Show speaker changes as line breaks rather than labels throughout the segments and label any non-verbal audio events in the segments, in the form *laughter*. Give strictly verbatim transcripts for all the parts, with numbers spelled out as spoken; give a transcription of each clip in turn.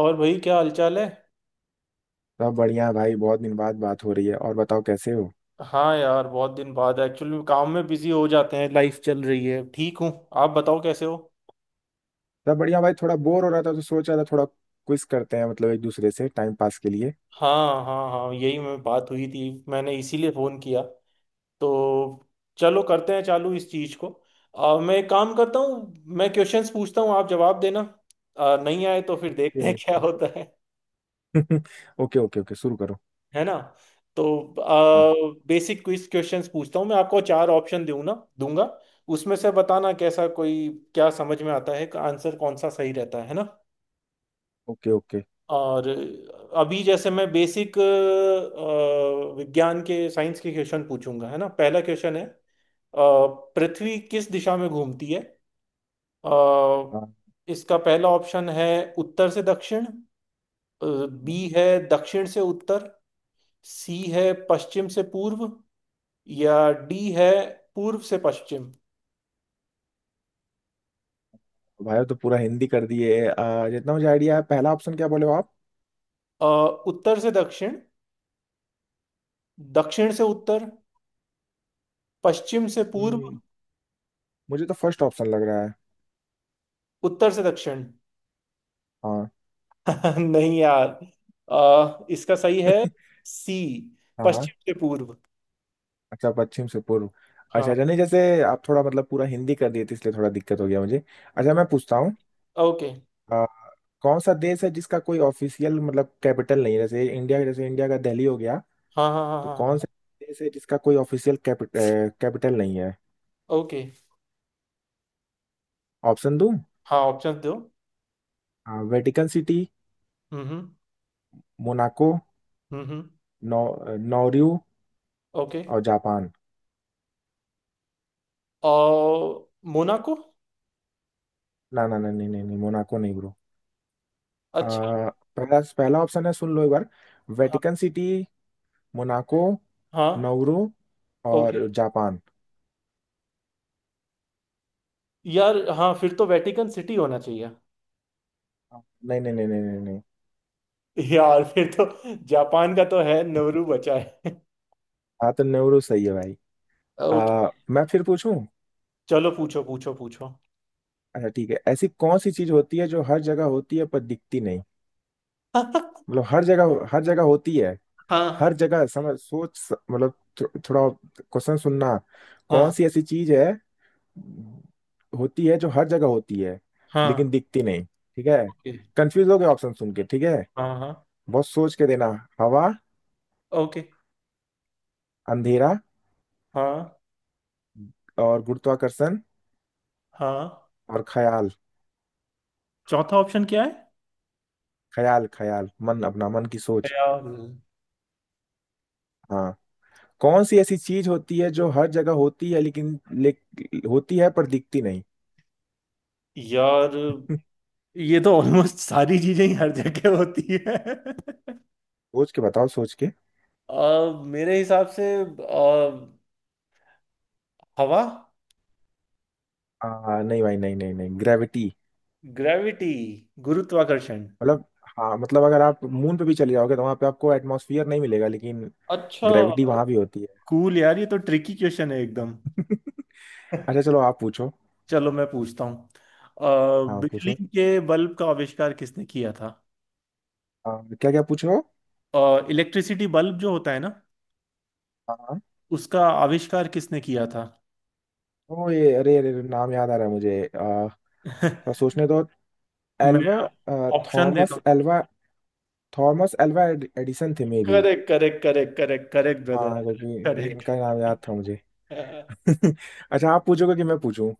और भाई क्या हालचाल है।
सब बढ़िया है भाई, बहुत दिन बाद बात हो रही है। और बताओ कैसे हो?
हाँ यार बहुत दिन बाद एक्चुअली काम में बिजी हो जाते हैं। लाइफ चल रही है, ठीक हूँ। आप बताओ कैसे हो।
सब बढ़िया भाई, थोड़ा बोर हो रहा था तो सोच रहा था थोड़ा क्विज करते हैं मतलब एक दूसरे से टाइम पास के लिए।
हाँ हाँ हाँ, यही मैं बात हुई थी, मैंने इसीलिए फोन किया तो चलो करते हैं, चालू इस चीज को। अ, मैं एक काम करता हूँ, मैं क्वेश्चंस पूछता हूँ, आप जवाब देना। अ, नहीं आए तो फिर देखते
ओके,
हैं *laughs* क्या होता है।
ओके, ओके, *laughs* ओके, शुरू करो।
है ना, तो
हाँ।
बेसिक क्विज क्वेश्चंस पूछता हूँ मैं, आपको चार ऑप्शन दूँ ना, दूंगा। उसमें से बताना कैसा कोई, क्या समझ में आता है, आंसर कौन सा सही रहता है ना।
Okay, okay.
और अभी जैसे मैं बेसिक विज्ञान के, साइंस के क्वेश्चन पूछूंगा, है ना। पहला क्वेश्चन है अ, पृथ्वी किस दिशा में घूमती है। अ,
हाँ,
इसका पहला ऑप्शन है उत्तर से दक्षिण,
हाँ।
बी है दक्षिण से उत्तर, सी है पश्चिम से पूर्व, या डी है पूर्व से पश्चिम।
भाई, तो पूरा हिंदी कर दिए, आ, जितना मुझे आइडिया है। पहला ऑप्शन क्या बोले हो आप?
अ, उत्तर से दक्षिण, दक्षिण से उत्तर, पश्चिम से पूर्व,
हम्म, मुझे तो फर्स्ट ऑप्शन लग रहा है।
उत्तर से दक्षिण।
हाँ।
*laughs* नहीं यार, अ, इसका सही है
*laughs*
सी,
हाँ, हाँ।
पश्चिम से पूर्व।
अच्छा, पश्चिम से पूर्व। अच्छा,
हाँ।
अच्छा, नहीं जैसे। आप थोड़ा मतलब पूरा हिंदी कर दिए थे, इसलिए थोड़ा दिक्कत हो गया मुझे। अच्छा, मैं पूछता हूँ।
ओके।
कौन सा देश है जिसका कोई ऑफिशियल मतलब कैपिटल नहीं है? जैसे इंडिया जैसे इंडिया का दिल्ली हो गया।
हाँ हाँ हाँ
तो
हाँ हाँ
कौन
हाँ।
सा देश है जिसका कोई ऑफिशियल कैपिटल नहीं है?
ओके।
ऑप्शन दूं?
हाँ, ऑप्शन दो।
हाँ, वेटिकन सिटी।
हम्म हम्म
मोनाको।
हम्म हम्म,
नौ नौरू।
ओके।
और जापान।
और मोनाको।
ना, ना, ना, नहीं, नहीं, नहीं, मोनाको नहीं ब्रो। आ,
अच्छा।
पहला पहला ऑप्शन है, सुन लो एक बार।
हाँ
वेटिकन सिटी। मोनाको।
हाँ।
नौरू।
ओके।
और जापान।
यार हाँ, फिर तो वेटिकन सिटी होना चाहिए।
नहीं, नहीं, नहीं, नहीं, नहीं, नहीं।
यार फिर तो जापान का तो है, नवरू बचा है।
हाँ, तो नौरू सही है भाई।
*laughs* ओके,
आ, मैं फिर पूछूं?
चलो पूछो पूछो पूछो।
अच्छा, ठीक है। ऐसी कौन सी चीज होती है जो हर जगह होती है पर दिखती नहीं?
*laughs*
मतलब हर जगह हर जगह होती है। हर
हाँ
जगह समझ सोच स- मतलब, थो, थोड़ा क्वेश्चन सुनना। कौन
हाँ
सी ऐसी चीज है, होती है जो हर जगह होती है,
हाँ।
लेकिन दिखती नहीं? ठीक है।
ओके।
कंफ्यूज हो गए ऑप्शन सुन के? ठीक है।
हाँ हाँ।
बहुत सोच के देना। हवा।
ओके।
अंधेरा।
हाँ
और गुरुत्वाकर्षण।
हाँ,
और ख्याल।
चौथा ऑप्शन क्या है।
ख्याल, ख्याल, मन, अपना मन की सोच।
यार,
हाँ। कौन सी ऐसी चीज होती है जो हर जगह होती है लेकिन ले, होती है पर दिखती नहीं?
यार
*laughs*
ये तो ऑलमोस्ट सारी चीजें ही हर जगह होती है। *laughs*
सोच के बताओ, सोच के।
अ, मेरे हिसाब से अ, हवा।
आ, नहीं भाई, नहीं, नहीं, नहीं, ग्रेविटी।
ग्रेविटी, गुरुत्वाकर्षण।
मतलब, हाँ मतलब अगर आप मून पे भी चले जाओगे तो वहां पे आपको एटमॉस्फियर नहीं मिलेगा, लेकिन
अच्छा।
ग्रेविटी वहां भी होती है।
कूल यार, ये तो ट्रिकी क्वेश्चन है एकदम। *laughs*
अच्छा, चलो आप पूछो।
चलो मैं पूछता हूँ। अ,
हाँ,
बिजली
पूछो।
के बल्ब का आविष्कार किसने किया था।
आ, क्या क्या पूछो?
इलेक्ट्रिसिटी बल्ब जो होता है ना,
हाँ।
उसका आविष्कार किसने किया था।
ओ ये, अरे, अरे, अरे, नाम याद आ रहा है मुझे आ, थोड़ा
*laughs*
सोचने दो।
मैं
एल्वा। आ,
ऑप्शन देता
थॉमस
हूँ।
एल्वा। थॉमस एल्वा एडिसन थे मे भी।
Correct correct correct correct correct brother,
हाँ, क्योंकि ये
करेक्ट।
इनका नाम याद था मुझे।
*laughs*
*laughs* अच्छा, आप पूछोगे कि मैं पूछूं?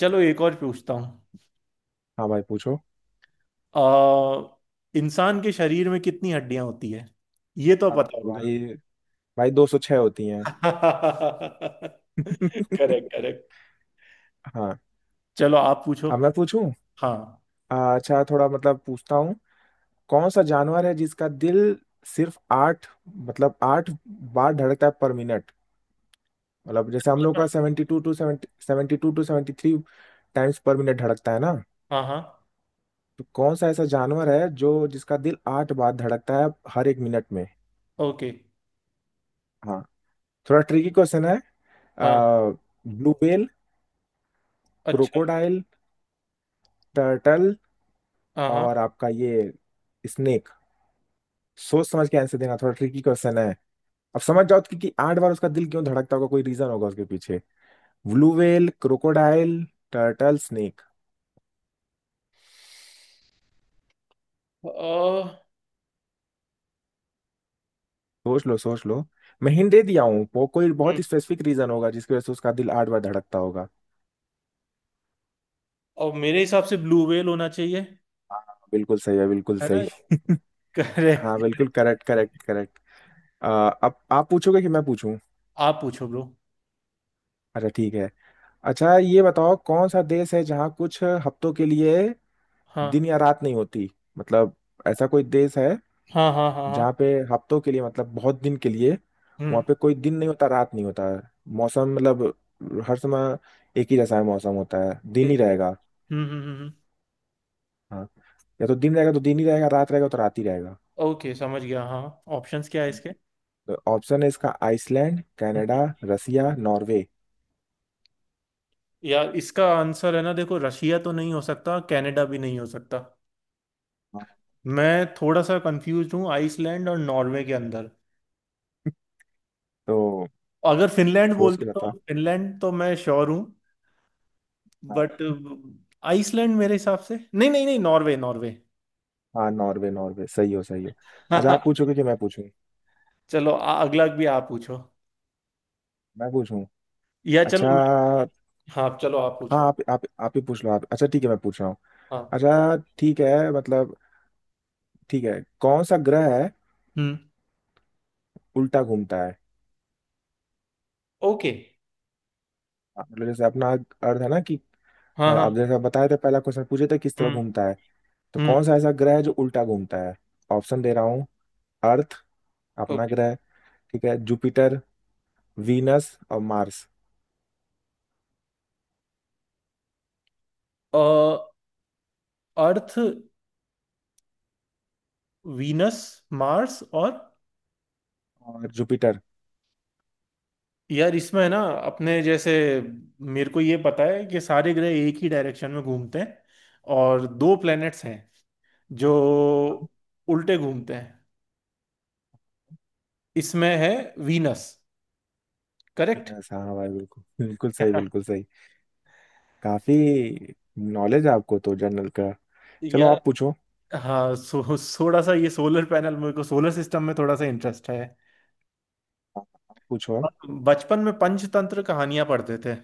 चलो एक और पूछता हूँ।
हाँ भाई, पूछो।
अ, इंसान के शरीर में कितनी हड्डियां होती है, ये तो
हाँ।
पता होगा।
भाई। भाई, दो सौ छः होती हैं।
*laughs* Correct
*laughs*
correct.
हाँ।
चलो आप पूछो।
अब मैं पूछूं?
हाँ
आ, अच्छा, थोड़ा मतलब पूछता हूँ। कौन सा जानवर है जिसका दिल सिर्फ आठ, मतलब आठ बार धड़कता है पर मिनट? मतलब जैसे हम लोग का seventy two two seventy, seventy two two seventy three times पर मिनट धड़कता है ना।
हाँ हाँ।
तो कौन सा ऐसा जानवर है जो जिसका दिल आठ बार धड़कता है हर एक मिनट में?
ओके।
हाँ। थोड़ा ट्रिकी क्वेश्चन है।
हाँ।
आ, ब्लू व्हेल।
अच्छा।
क्रोकोडाइल। टर्टल।
हाँ हाँ।
और आपका ये, स्नेक। सोच समझ के आंसर देना, थोड़ा ट्रिकी क्वेश्चन है। अब समझ जाओ कि, कि आठ बार उसका दिल क्यों धड़कता होगा, कोई रीजन होगा उसके पीछे। Blue whale, crocodile, turtle, snake.
अ,
सोच लो, सोच लो। मैं हिंट दे दिया हूँ, वो कोई
हम्म,
बहुत स्पेसिफिक रीजन होगा जिसकी वजह से उसका दिल आठ बार धड़कता होगा।
और मेरे हिसाब से ब्लू व्हेल होना चाहिए,
हाँ, बिल्कुल सही है, बिल्कुल
है ना।
सही। *laughs* हाँ,
करेक्ट।
बिल्कुल करेक्ट,
*laughs*
करेक्ट, करेक्ट। अब आप पूछोगे कि मैं पूछूं?
आप पूछो ब्रो।
अच्छा, ठीक है। अच्छा, ये बताओ कौन सा देश है जहाँ कुछ हफ्तों के लिए
हाँ
दिन या रात नहीं होती? मतलब, ऐसा कोई देश है
हाँ हाँ हाँ
जहाँ
हाँ।
पे हफ्तों के लिए, मतलब बहुत दिन के लिए, वहाँ
हम्म।
पे कोई दिन नहीं होता, रात नहीं होता है। मौसम मतलब हर समय एक ही जैसा है, मौसम होता है,
ओके।
दिन ही रहेगा।
हम्म हम्म हम्म हम्म।
हाँ। या तो दिन रहेगा तो दिन ही रहेगा, रात रहेगा तो रात ही रहेगा।
ओके, समझ गया हाँ। ऑप्शंस क्या है इसके।
तो ऑप्शन है इसका, आइसलैंड,
हम्म।
Canada, Russia, Norway.
यार, इसका आंसर है ना, देखो रशिया तो नहीं हो सकता, कनाडा भी नहीं हो सकता।
हाँ,
मैं थोड़ा सा कंफ्यूज हूँ आइसलैंड और नॉर्वे के अंदर।
तो
अगर फिनलैंड
सोच
बोलते
के
तो
बता।
फिनलैंड तो मैं श्योर हूँ,
हाँ।
बट आइसलैंड मेरे हिसाब से नहीं नहीं नहीं, नॉर्वे, नॉर्वे।
हाँ, नॉर्वे, नॉर्वे सही हो, सही हो। अच्छा, आप
*laughs*
पूछोगे कि मैं पूछूं?
चलो आ, अगला भी आप पूछो,
मैं पूछूं?
या
अच्छा।
चलो मैं। हाँ चलो आप
हाँ,
पूछो।
आप आप आप ही पूछ लो। आप, अच्छा, ठीक है, मैं पूछ रहा हूँ।
हाँ।
अच्छा, ठीक है, मतलब, ठीक है। कौन सा ग्रह है
हम्म।
उल्टा घूमता है?
ओके।
मतलब, जैसे अपना अर्थ है ना कि अ,
हाँ हाँ।
आप जैसा बताए थे, पहला क्वेश्चन पूछे थे, किस तरह
हम्म
घूमता है। तो
हम्म।
कौन सा ऐसा ग्रह है जो उल्टा घूमता है? ऑप्शन दे रहा हूँ। अर्थ, अपना
ओके।
ग्रह। ठीक है, जुपिटर, वीनस और मार्स।
अ, अर्थ, वीनस, मार्स और,
और जुपिटर।
यार इसमें है ना अपने जैसे, मेरे को ये पता है कि सारे ग्रह एक ही डायरेक्शन में घूमते हैं और दो प्लैनेट्स हैं जो
हाँ।
उल्टे घूमते हैं। इसमें है वीनस, करेक्ट।
वीनस, हाँ भाई, बिल्कुल, बिल्कुल सही, बिल्कुल
*laughs*
सही। काफी नॉलेज है आपको तो जनरल का। चलो,
यार
आप पूछो।
हाँ, सो, थोड़ा सा ये सोलर पैनल, मेरे को सोलर सिस्टम में थोड़ा सा इंटरेस्ट है।
आप पूछो।
हम बचपन में पंचतंत्र कहानियां पढ़ते थे,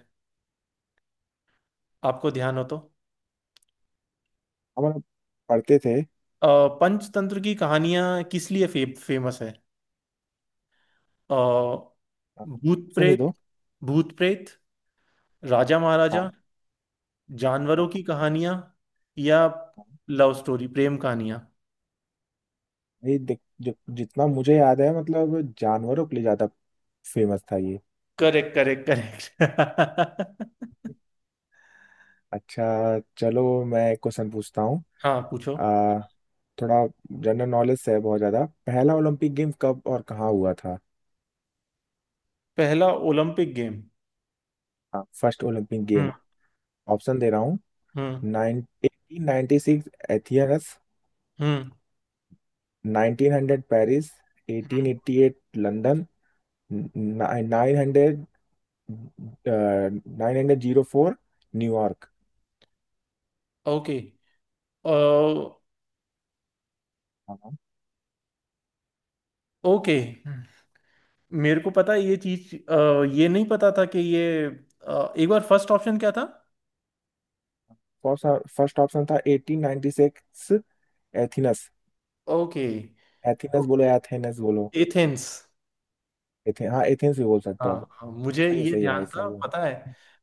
आपको ध्यान हो तो।
हम पढ़ते थे।
अ, पंचतंत्र की कहानियां किस लिए फे, फेमस है। अ, भूत
ऑप्शन दे
प्रेत,
दो।
भूत प्रेत, राजा
हाँ,
महाराजा, जानवरों
हाँ,
की कहानियां, या
हाँ।
लव स्टोरी प्रेम कहानियां।
ये देख, जो जितना मुझे याद है, मतलब जानवरों के लिए ज्यादा फेमस था ये।
Correct correct correct.
अच्छा, चलो मैं एक क्वेश्चन पूछता हूँ।
*laughs* हाँ पूछो।
आ, थोड़ा जनरल नॉलेज से है बहुत ज्यादा। पहला ओलंपिक गेम कब और कहाँ हुआ था?
पहला ओलंपिक गेम।
हाँ, फर्स्ट ओलंपिक गेम।
हम्म
ऑप्शन दे रहा हूँ।
हम्म
nine eighteen ninety six, Athens.
हम्म।
Nineteen hundred, Paris. Eighteen eighty eight, London. Nine hundred nine hundred zero four, New York.
Okay, okay, मेरे को पता है ये चीज। अ, ये नहीं पता था कि ये अ, एक बार फर्स्ट ऑप्शन क्या था।
फर्स्ट ऑप्शन था eighteen ninety six, Athens.
Okay.
Athens बोलो
ओके,
या एथेनस बोलो।
एथेंस।
एथे, हाँ, एथेंस भी बोल सकते हो।
हाँ हाँ, मुझे
सही है,
ये
सही है भाई,
ध्यान था,
सही है।
पता है।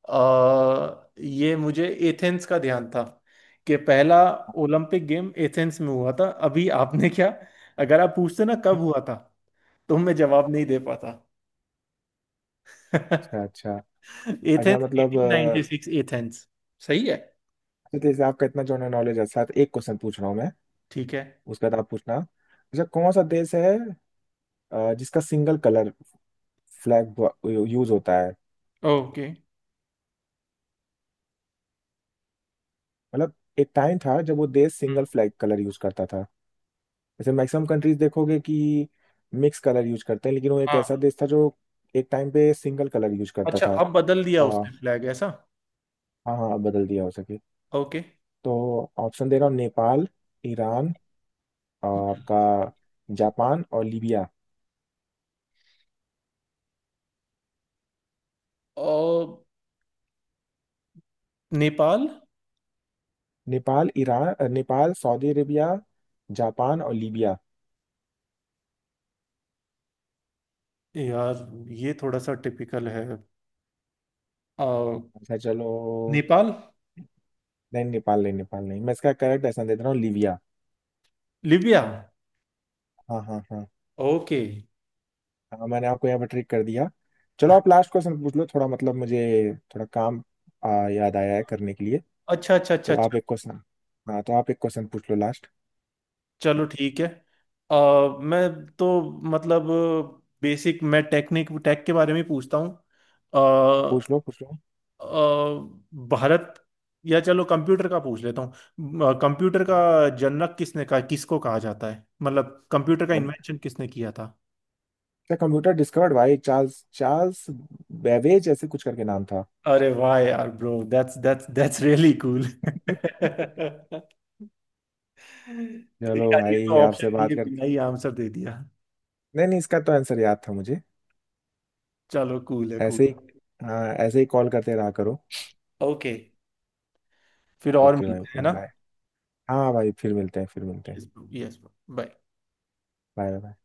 अ, ये मुझे एथेंस का ध्यान था कि पहला
अच्छा,
ओलंपिक गेम एथेंस में हुआ था। अभी आपने क्या, अगर आप पूछते ना कब हुआ था तो मैं जवाब नहीं दे पाता। *laughs*
अच्छा, अच्छा,
एथेंस
मतलब अ,
एटीन नाइंटी सिक्स एथेंस, सही है।
तो जैसे आपका इतना जनरल नॉलेज है, साथ एक क्वेश्चन पूछ रहा हूँ मैं।
ठीक है।
उसका बाद आप पूछना। अच्छा, कौन सा देश है अ, जिसका सिंगल कलर फ्लैग यूज होता है?
ओके।
मतलब, एक टाइम था जब वो देश
हम्म,
सिंगल फ्लैग कलर यूज करता था। जैसे मैक्सिमम कंट्रीज देखोगे कि मिक्स कलर यूज करते हैं, लेकिन वो एक ऐसा
हाँ।
देश था जो एक टाइम पे सिंगल कलर यूज करता
अच्छा,
था।
अब बदल दिया
आ,
उसने फ्लैग ऐसा।
हाँ, हाँ, अब बदल दिया हो सके।
ओके।
तो ऑप्शन दे रहा हूँ। नेपाल, ईरान, आ, आपका जापान और लीबिया।
और नेपाल।
नेपाल, ईरान, अ, नेपाल, सऊदी अरेबिया, जापान और लीबिया।
यार ये थोड़ा सा टिपिकल है। आ,
अच्छा, चलो।
नेपाल।
नहीं, नेपाल नहीं, नेपाल नहीं, मैं इसका करेक्ट ऐसा दे रहा हूँ, लीबिया।
लिबिया।
हाँ, हाँ, हाँ।
ओके।
हाँ, मैंने आपको यहाँ पर ट्रिक कर दिया। चलो, आप लास्ट क्वेश्चन पूछ लो, थोड़ा मतलब मुझे थोड़ा काम आ, याद आया है करने के लिए।
अच्छा अच्छा अच्छा
तो आप
अच्छा।
एक क्वेश्चन, हाँ, तो आप एक क्वेश्चन पूछ लो लास्ट।
चलो ठीक है। आ, मैं तो, मतलब बेसिक मैं टेक्निक टेक के बारे में पूछता हूँ। आ,
पूछ लो, पूछ लो।
आ, भारत, या चलो कंप्यूटर का पूछ लेता हूँ। कंप्यूटर का जनक किसने कहा, किसको कहा जाता है, मतलब कंप्यूटर का
अच्छा।
इन्वेंशन किसने किया था?
कंप्यूटर डिस्कवर्ड भाई, चार्ल्स चार्ल्स बेबेज ऐसे कुछ करके नाम था।
अरे वाह यार bro, that's that's that's really cool.
*laughs*
*laughs*
चलो
यार, ये तो
भाई, आपसे
ऑप्शन
बात
दिए
करके।
बिना ही आंसर दे दिया।
नहीं, नहीं, इसका तो आंसर याद था मुझे।
चलो कूल है,
ऐसे
कूल।
ही। हाँ, ऐसे ही कॉल करते रहा करो।
ओके, फिर और
ओके भाई,
मिलते
ओके,
हैं ना।
बाय। हाँ भाई, फिर मिलते हैं, फिर मिलते हैं।
Yes bro yes bro, bye.
Bye.